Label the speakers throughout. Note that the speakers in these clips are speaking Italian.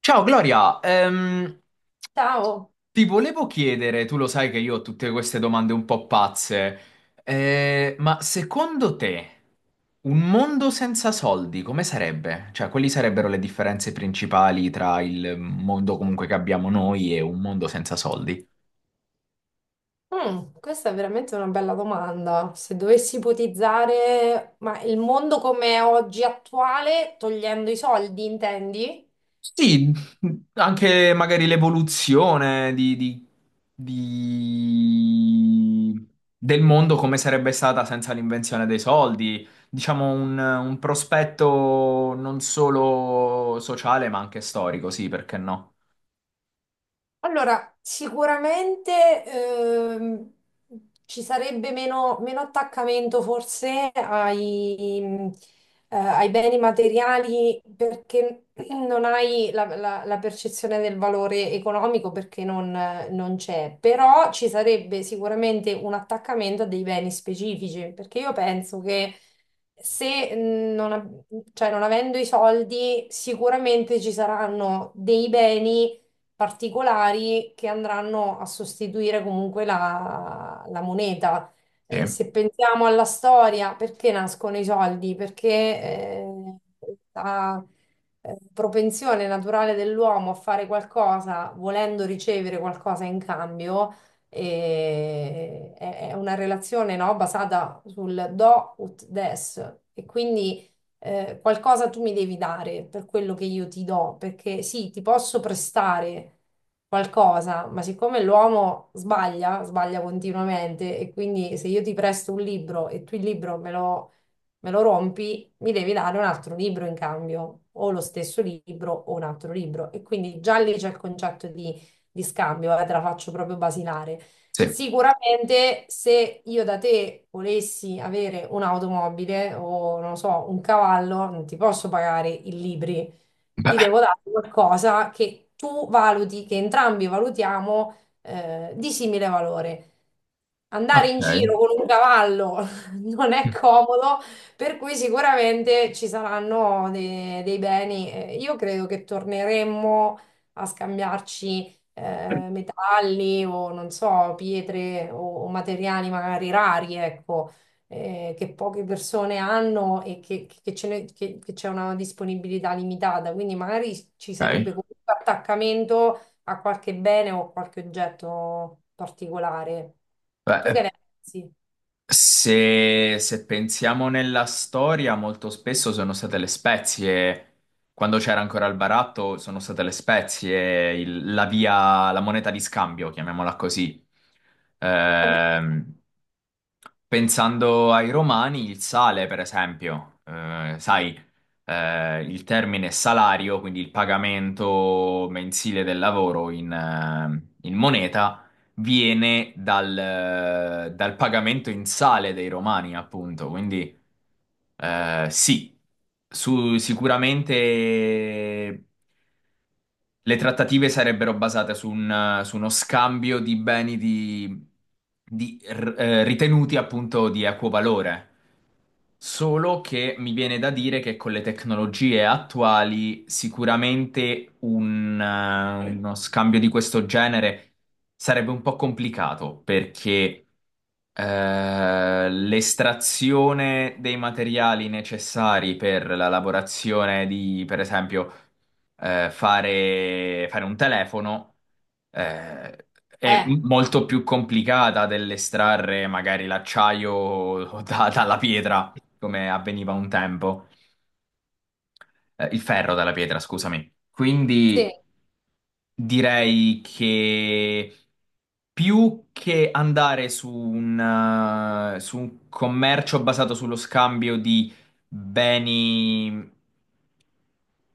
Speaker 1: Ciao Gloria,
Speaker 2: Ciao.
Speaker 1: ti volevo chiedere, tu lo sai che io ho tutte queste domande un po' pazze, ma secondo te un mondo senza soldi come sarebbe? Cioè, quali sarebbero le differenze principali tra il mondo comunque che abbiamo noi e un mondo senza soldi?
Speaker 2: Questa è veramente una bella domanda. Se dovessi ipotizzare, ma il mondo come è oggi attuale, togliendo i soldi, intendi?
Speaker 1: Sì, anche magari l'evoluzione di- del mondo come sarebbe stata senza l'invenzione dei soldi, diciamo un prospetto non solo sociale ma anche storico, sì, perché no?
Speaker 2: Allora, sicuramente ci sarebbe meno attaccamento forse ai beni materiali perché non hai la percezione del valore economico perché non c'è, però ci sarebbe sicuramente un attaccamento a dei beni specifici perché io penso che se non, av- cioè, non avendo i soldi sicuramente ci saranno dei beni particolari che andranno a sostituire comunque la moneta.
Speaker 1: Sì,
Speaker 2: Se pensiamo alla storia, perché nascono i soldi? Perché la propensione naturale dell'uomo a fare qualcosa volendo ricevere qualcosa in cambio è una relazione, no, basata sul do ut des. E quindi qualcosa tu mi devi dare per quello che io ti do, perché sì, ti posso prestare qualcosa, ma siccome l'uomo sbaglia, sbaglia continuamente e quindi se io ti presto un libro e tu il libro me lo rompi, mi devi dare un altro libro in cambio, o lo stesso libro o un altro libro. E quindi già lì c'è il concetto di scambio, te la faccio proprio basilare.
Speaker 1: sì.
Speaker 2: Sicuramente se io da te volessi avere un'automobile o non lo so, un cavallo, non ti posso pagare i libri, ti
Speaker 1: Beh,
Speaker 2: devo dare qualcosa che tu valuti, che entrambi valutiamo di simile valore. Andare
Speaker 1: ok.
Speaker 2: in giro con un cavallo non è comodo, per cui sicuramente ci saranno dei beni. Io credo che torneremmo a scambiarci metalli o non so, pietre o materiali magari rari, ecco, che poche persone hanno e che ce ne- che c'è una disponibilità limitata. Quindi magari ci
Speaker 1: Ok.
Speaker 2: sarebbe comunque attaccamento a qualche bene o qualche oggetto particolare. Tu che
Speaker 1: Beh,
Speaker 2: ne pensi?
Speaker 1: se, se pensiamo nella storia, molto spesso sono state le spezie, quando c'era ancora il baratto, sono state le spezie, la via, la moneta di scambio, chiamiamola così.
Speaker 2: È vero?
Speaker 1: Ehm, Pensando ai romani, il sale, per esempio, sai, il termine salario, quindi il pagamento mensile del lavoro in moneta, viene dal pagamento in sale dei romani, appunto. Quindi, sì, su- sicuramente. Le trattative sarebbero basate su uno scambio di beni di, ritenuti appunto di equo valore. Solo che mi viene da dire che con le tecnologie attuali sicuramente uno scambio di questo genere sarebbe un po' complicato perché l'estrazione dei materiali necessari per la lavorazione di, per esempio, fare un telefono eh, è
Speaker 2: Eh,
Speaker 1: molto più complicata dell'estrarre magari l'acciaio dalla pietra, come avveniva un tempo. Il ferro dalla pietra, scusami.
Speaker 2: sì.
Speaker 1: Quindi direi che più che andare su su un commercio basato sullo scambio di beni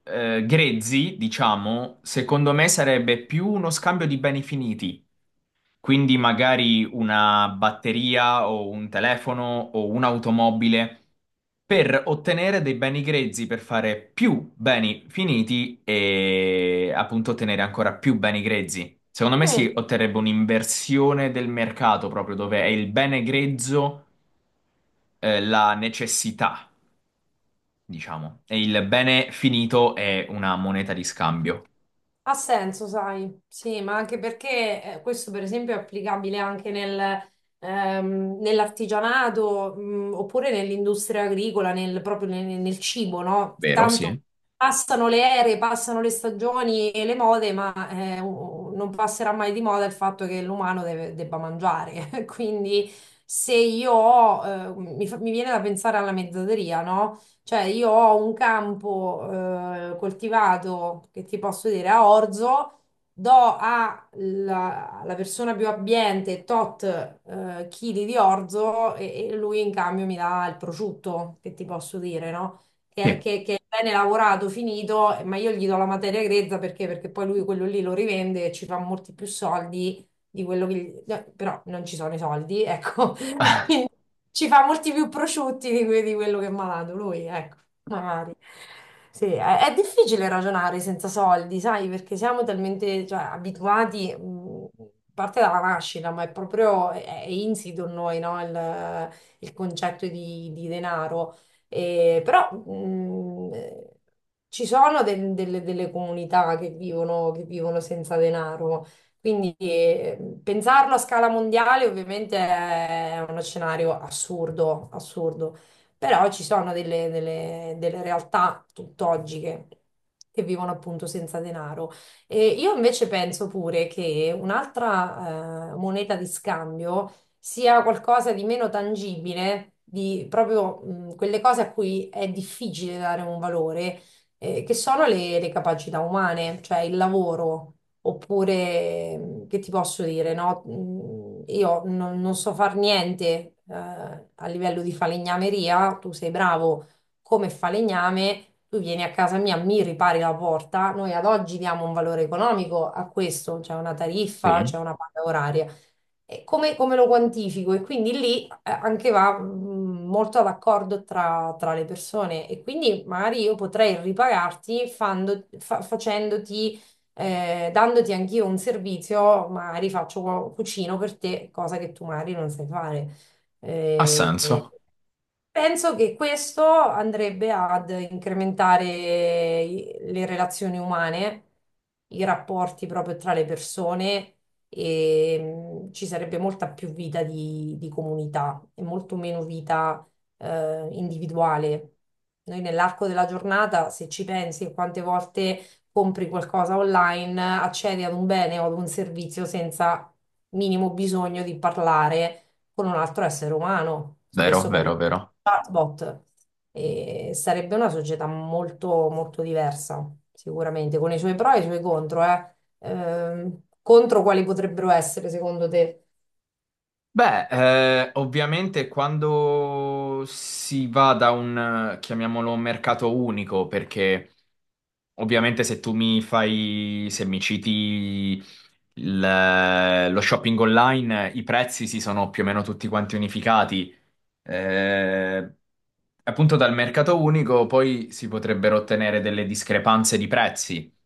Speaker 1: grezzi, diciamo, secondo me sarebbe più uno scambio di beni finiti. Quindi magari una batteria o un telefono o un'automobile per ottenere dei beni grezzi per fare più beni finiti e appunto ottenere ancora più beni grezzi. Secondo me si
Speaker 2: Mm.
Speaker 1: otterrebbe un'inversione del mercato proprio dove è il bene grezzo, la necessità, diciamo, e il bene finito è una moneta di scambio.
Speaker 2: Ha senso, sai, sì, ma anche perché questo per esempio è applicabile anche nel, nell'artigianato, oppure nell'industria agricola, nel cibo, no?
Speaker 1: Vero,
Speaker 2: Tanto
Speaker 1: sì.
Speaker 2: passano le ere, passano le stagioni e le mode, ma non passerà mai di moda il fatto che l'umano debba mangiare. Quindi se io ho, mi, fa- mi viene da pensare alla mezzateria, no? Cioè, io ho un campo coltivato che ti posso dire a orzo, do alla persona più abbiente tot chili di orzo e lui in cambio mi dà il prosciutto, che ti posso dire, no?
Speaker 1: Sì.
Speaker 2: Che è bene lavorato, finito, ma io gli do la materia grezza perché? Perché poi lui quello lì lo rivende e ci fa molti più soldi di quello che... gli- no, però non ci sono i soldi, ecco,
Speaker 1: Ah,
Speaker 2: quindi ci fa molti più prosciutti di quello che mi ha dato lui, ecco, magari. Sì, è difficile ragionare senza soldi, sai, perché siamo talmente, cioè, abituati, a parte dalla nascita, ma è proprio, è insito in noi, no? Il concetto di denaro. E, però ci sono delle comunità che vivono senza denaro. Quindi pensarlo a scala mondiale ovviamente è uno scenario assurdo, assurdo, però ci sono delle realtà tutt'oggi che vivono appunto senza denaro. E io invece penso pure che un'altra moneta di scambio sia qualcosa di meno tangibile, di proprio quelle cose a cui è difficile dare un valore, che sono le capacità umane, cioè il lavoro. Oppure, che ti posso dire, no? Io non so far niente, a livello di falegnameria, tu sei bravo come falegname, tu vieni a casa mia, mi ripari la porta. Noi ad oggi diamo un valore economico a questo, c'è una tariffa, c'è
Speaker 1: sì.
Speaker 2: una paga oraria. E come lo quantifico? E quindi lì anche va molto d'accordo tra le persone e quindi magari io potrei ripagarti facendoti, dandoti anch'io un servizio, magari faccio cucino per te, cosa che tu magari non sai fare.
Speaker 1: Ha
Speaker 2: Eh,
Speaker 1: senso.
Speaker 2: Penso che questo andrebbe ad incrementare le relazioni umane, i rapporti proprio tra le persone e ci sarebbe molta più vita di comunità e molto meno vita individuale. Noi nell'arco della giornata, se ci pensi, quante volte compri qualcosa online, accedi ad un bene o ad un servizio senza minimo bisogno di parlare con un altro essere umano.
Speaker 1: Vero,
Speaker 2: Spesso
Speaker 1: vero,
Speaker 2: parliamo
Speaker 1: vero.
Speaker 2: chatbot, e sarebbe una società molto, molto diversa, sicuramente, con i suoi pro e i suoi contro, eh. Contro quali potrebbero essere, secondo te?
Speaker 1: Beh, ovviamente quando si va da chiamiamolo, mercato unico, perché ovviamente se tu mi fai, se mi citi lo shopping online, i prezzi si sono più o meno tutti quanti unificati. Eh, appunto dal mercato unico poi si potrebbero ottenere delle discrepanze di prezzi.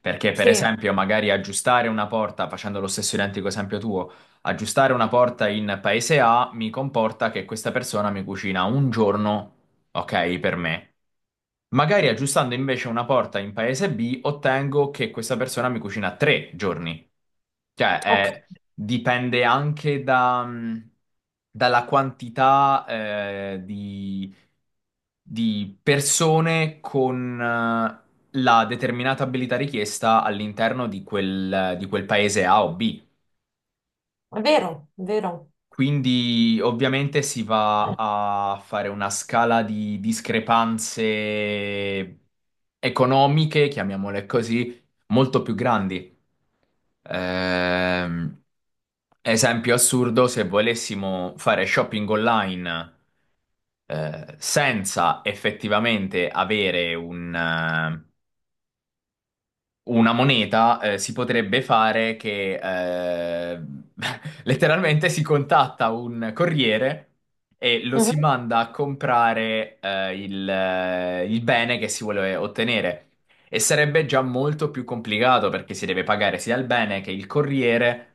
Speaker 1: Perché, per
Speaker 2: Sì,
Speaker 1: esempio, magari aggiustare una porta, facendo lo stesso identico esempio tuo, aggiustare una porta in paese A mi comporta che questa persona mi cucina un giorno, ok, per me. Magari aggiustando invece una porta in paese B, ottengo che questa persona mi cucina tre giorni. Cioè,
Speaker 2: ok,
Speaker 1: è- dipende anche da, dalla quantità, di persone con la determinata abilità richiesta all'interno di di quel paese A o B.
Speaker 2: è vero, è vero.
Speaker 1: Quindi ovviamente si va
Speaker 2: Eh,
Speaker 1: a fare una scala di discrepanze economiche, chiamiamole così, molto più grandi. Ehm, esempio assurdo, se volessimo fare shopping online senza effettivamente avere una moneta si potrebbe fare che eh, letteralmente si contatta un corriere e lo si
Speaker 2: mhm.
Speaker 1: manda a comprare il bene che si vuole ottenere. E sarebbe già molto più complicato perché si deve pagare sia il bene che il corriere.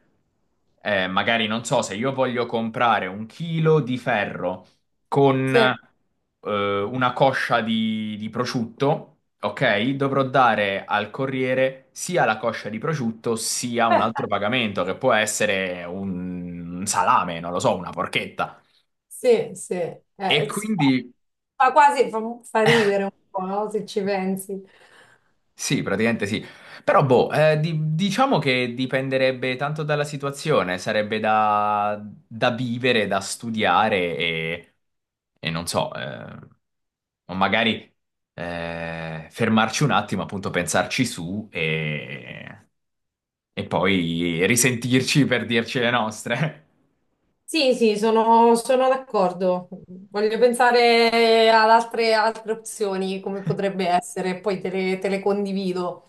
Speaker 1: Magari non so se io voglio comprare un chilo di ferro con
Speaker 2: Sì.
Speaker 1: una coscia di prosciutto, ok? Dovrò dare al corriere sia la coscia di prosciutto sia un altro pagamento che può essere un salame, non lo so, una porchetta.
Speaker 2: Sì, sì.
Speaker 1: E
Speaker 2: Eh, s-
Speaker 1: quindi
Speaker 2: fa quasi, fa, fa ridere un po', no? Se ci pensi.
Speaker 1: sì, praticamente sì. Però, boh, di- diciamo che dipenderebbe tanto dalla situazione, sarebbe da, da vivere, da studiare e non so, o magari fermarci un attimo, appunto, pensarci su e poi risentirci per dirci le nostre.
Speaker 2: Sì, sì, sono d'accordo. Voglio pensare ad altre opzioni, come potrebbe essere, e poi te le condivido.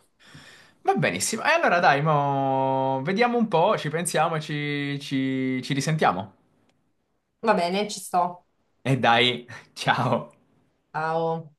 Speaker 1: Va benissimo. E allora dai, mo vediamo un po', ci pensiamo, e ci ci risentiamo.
Speaker 2: Va bene, ci sto.
Speaker 1: E dai, ciao.
Speaker 2: Ciao.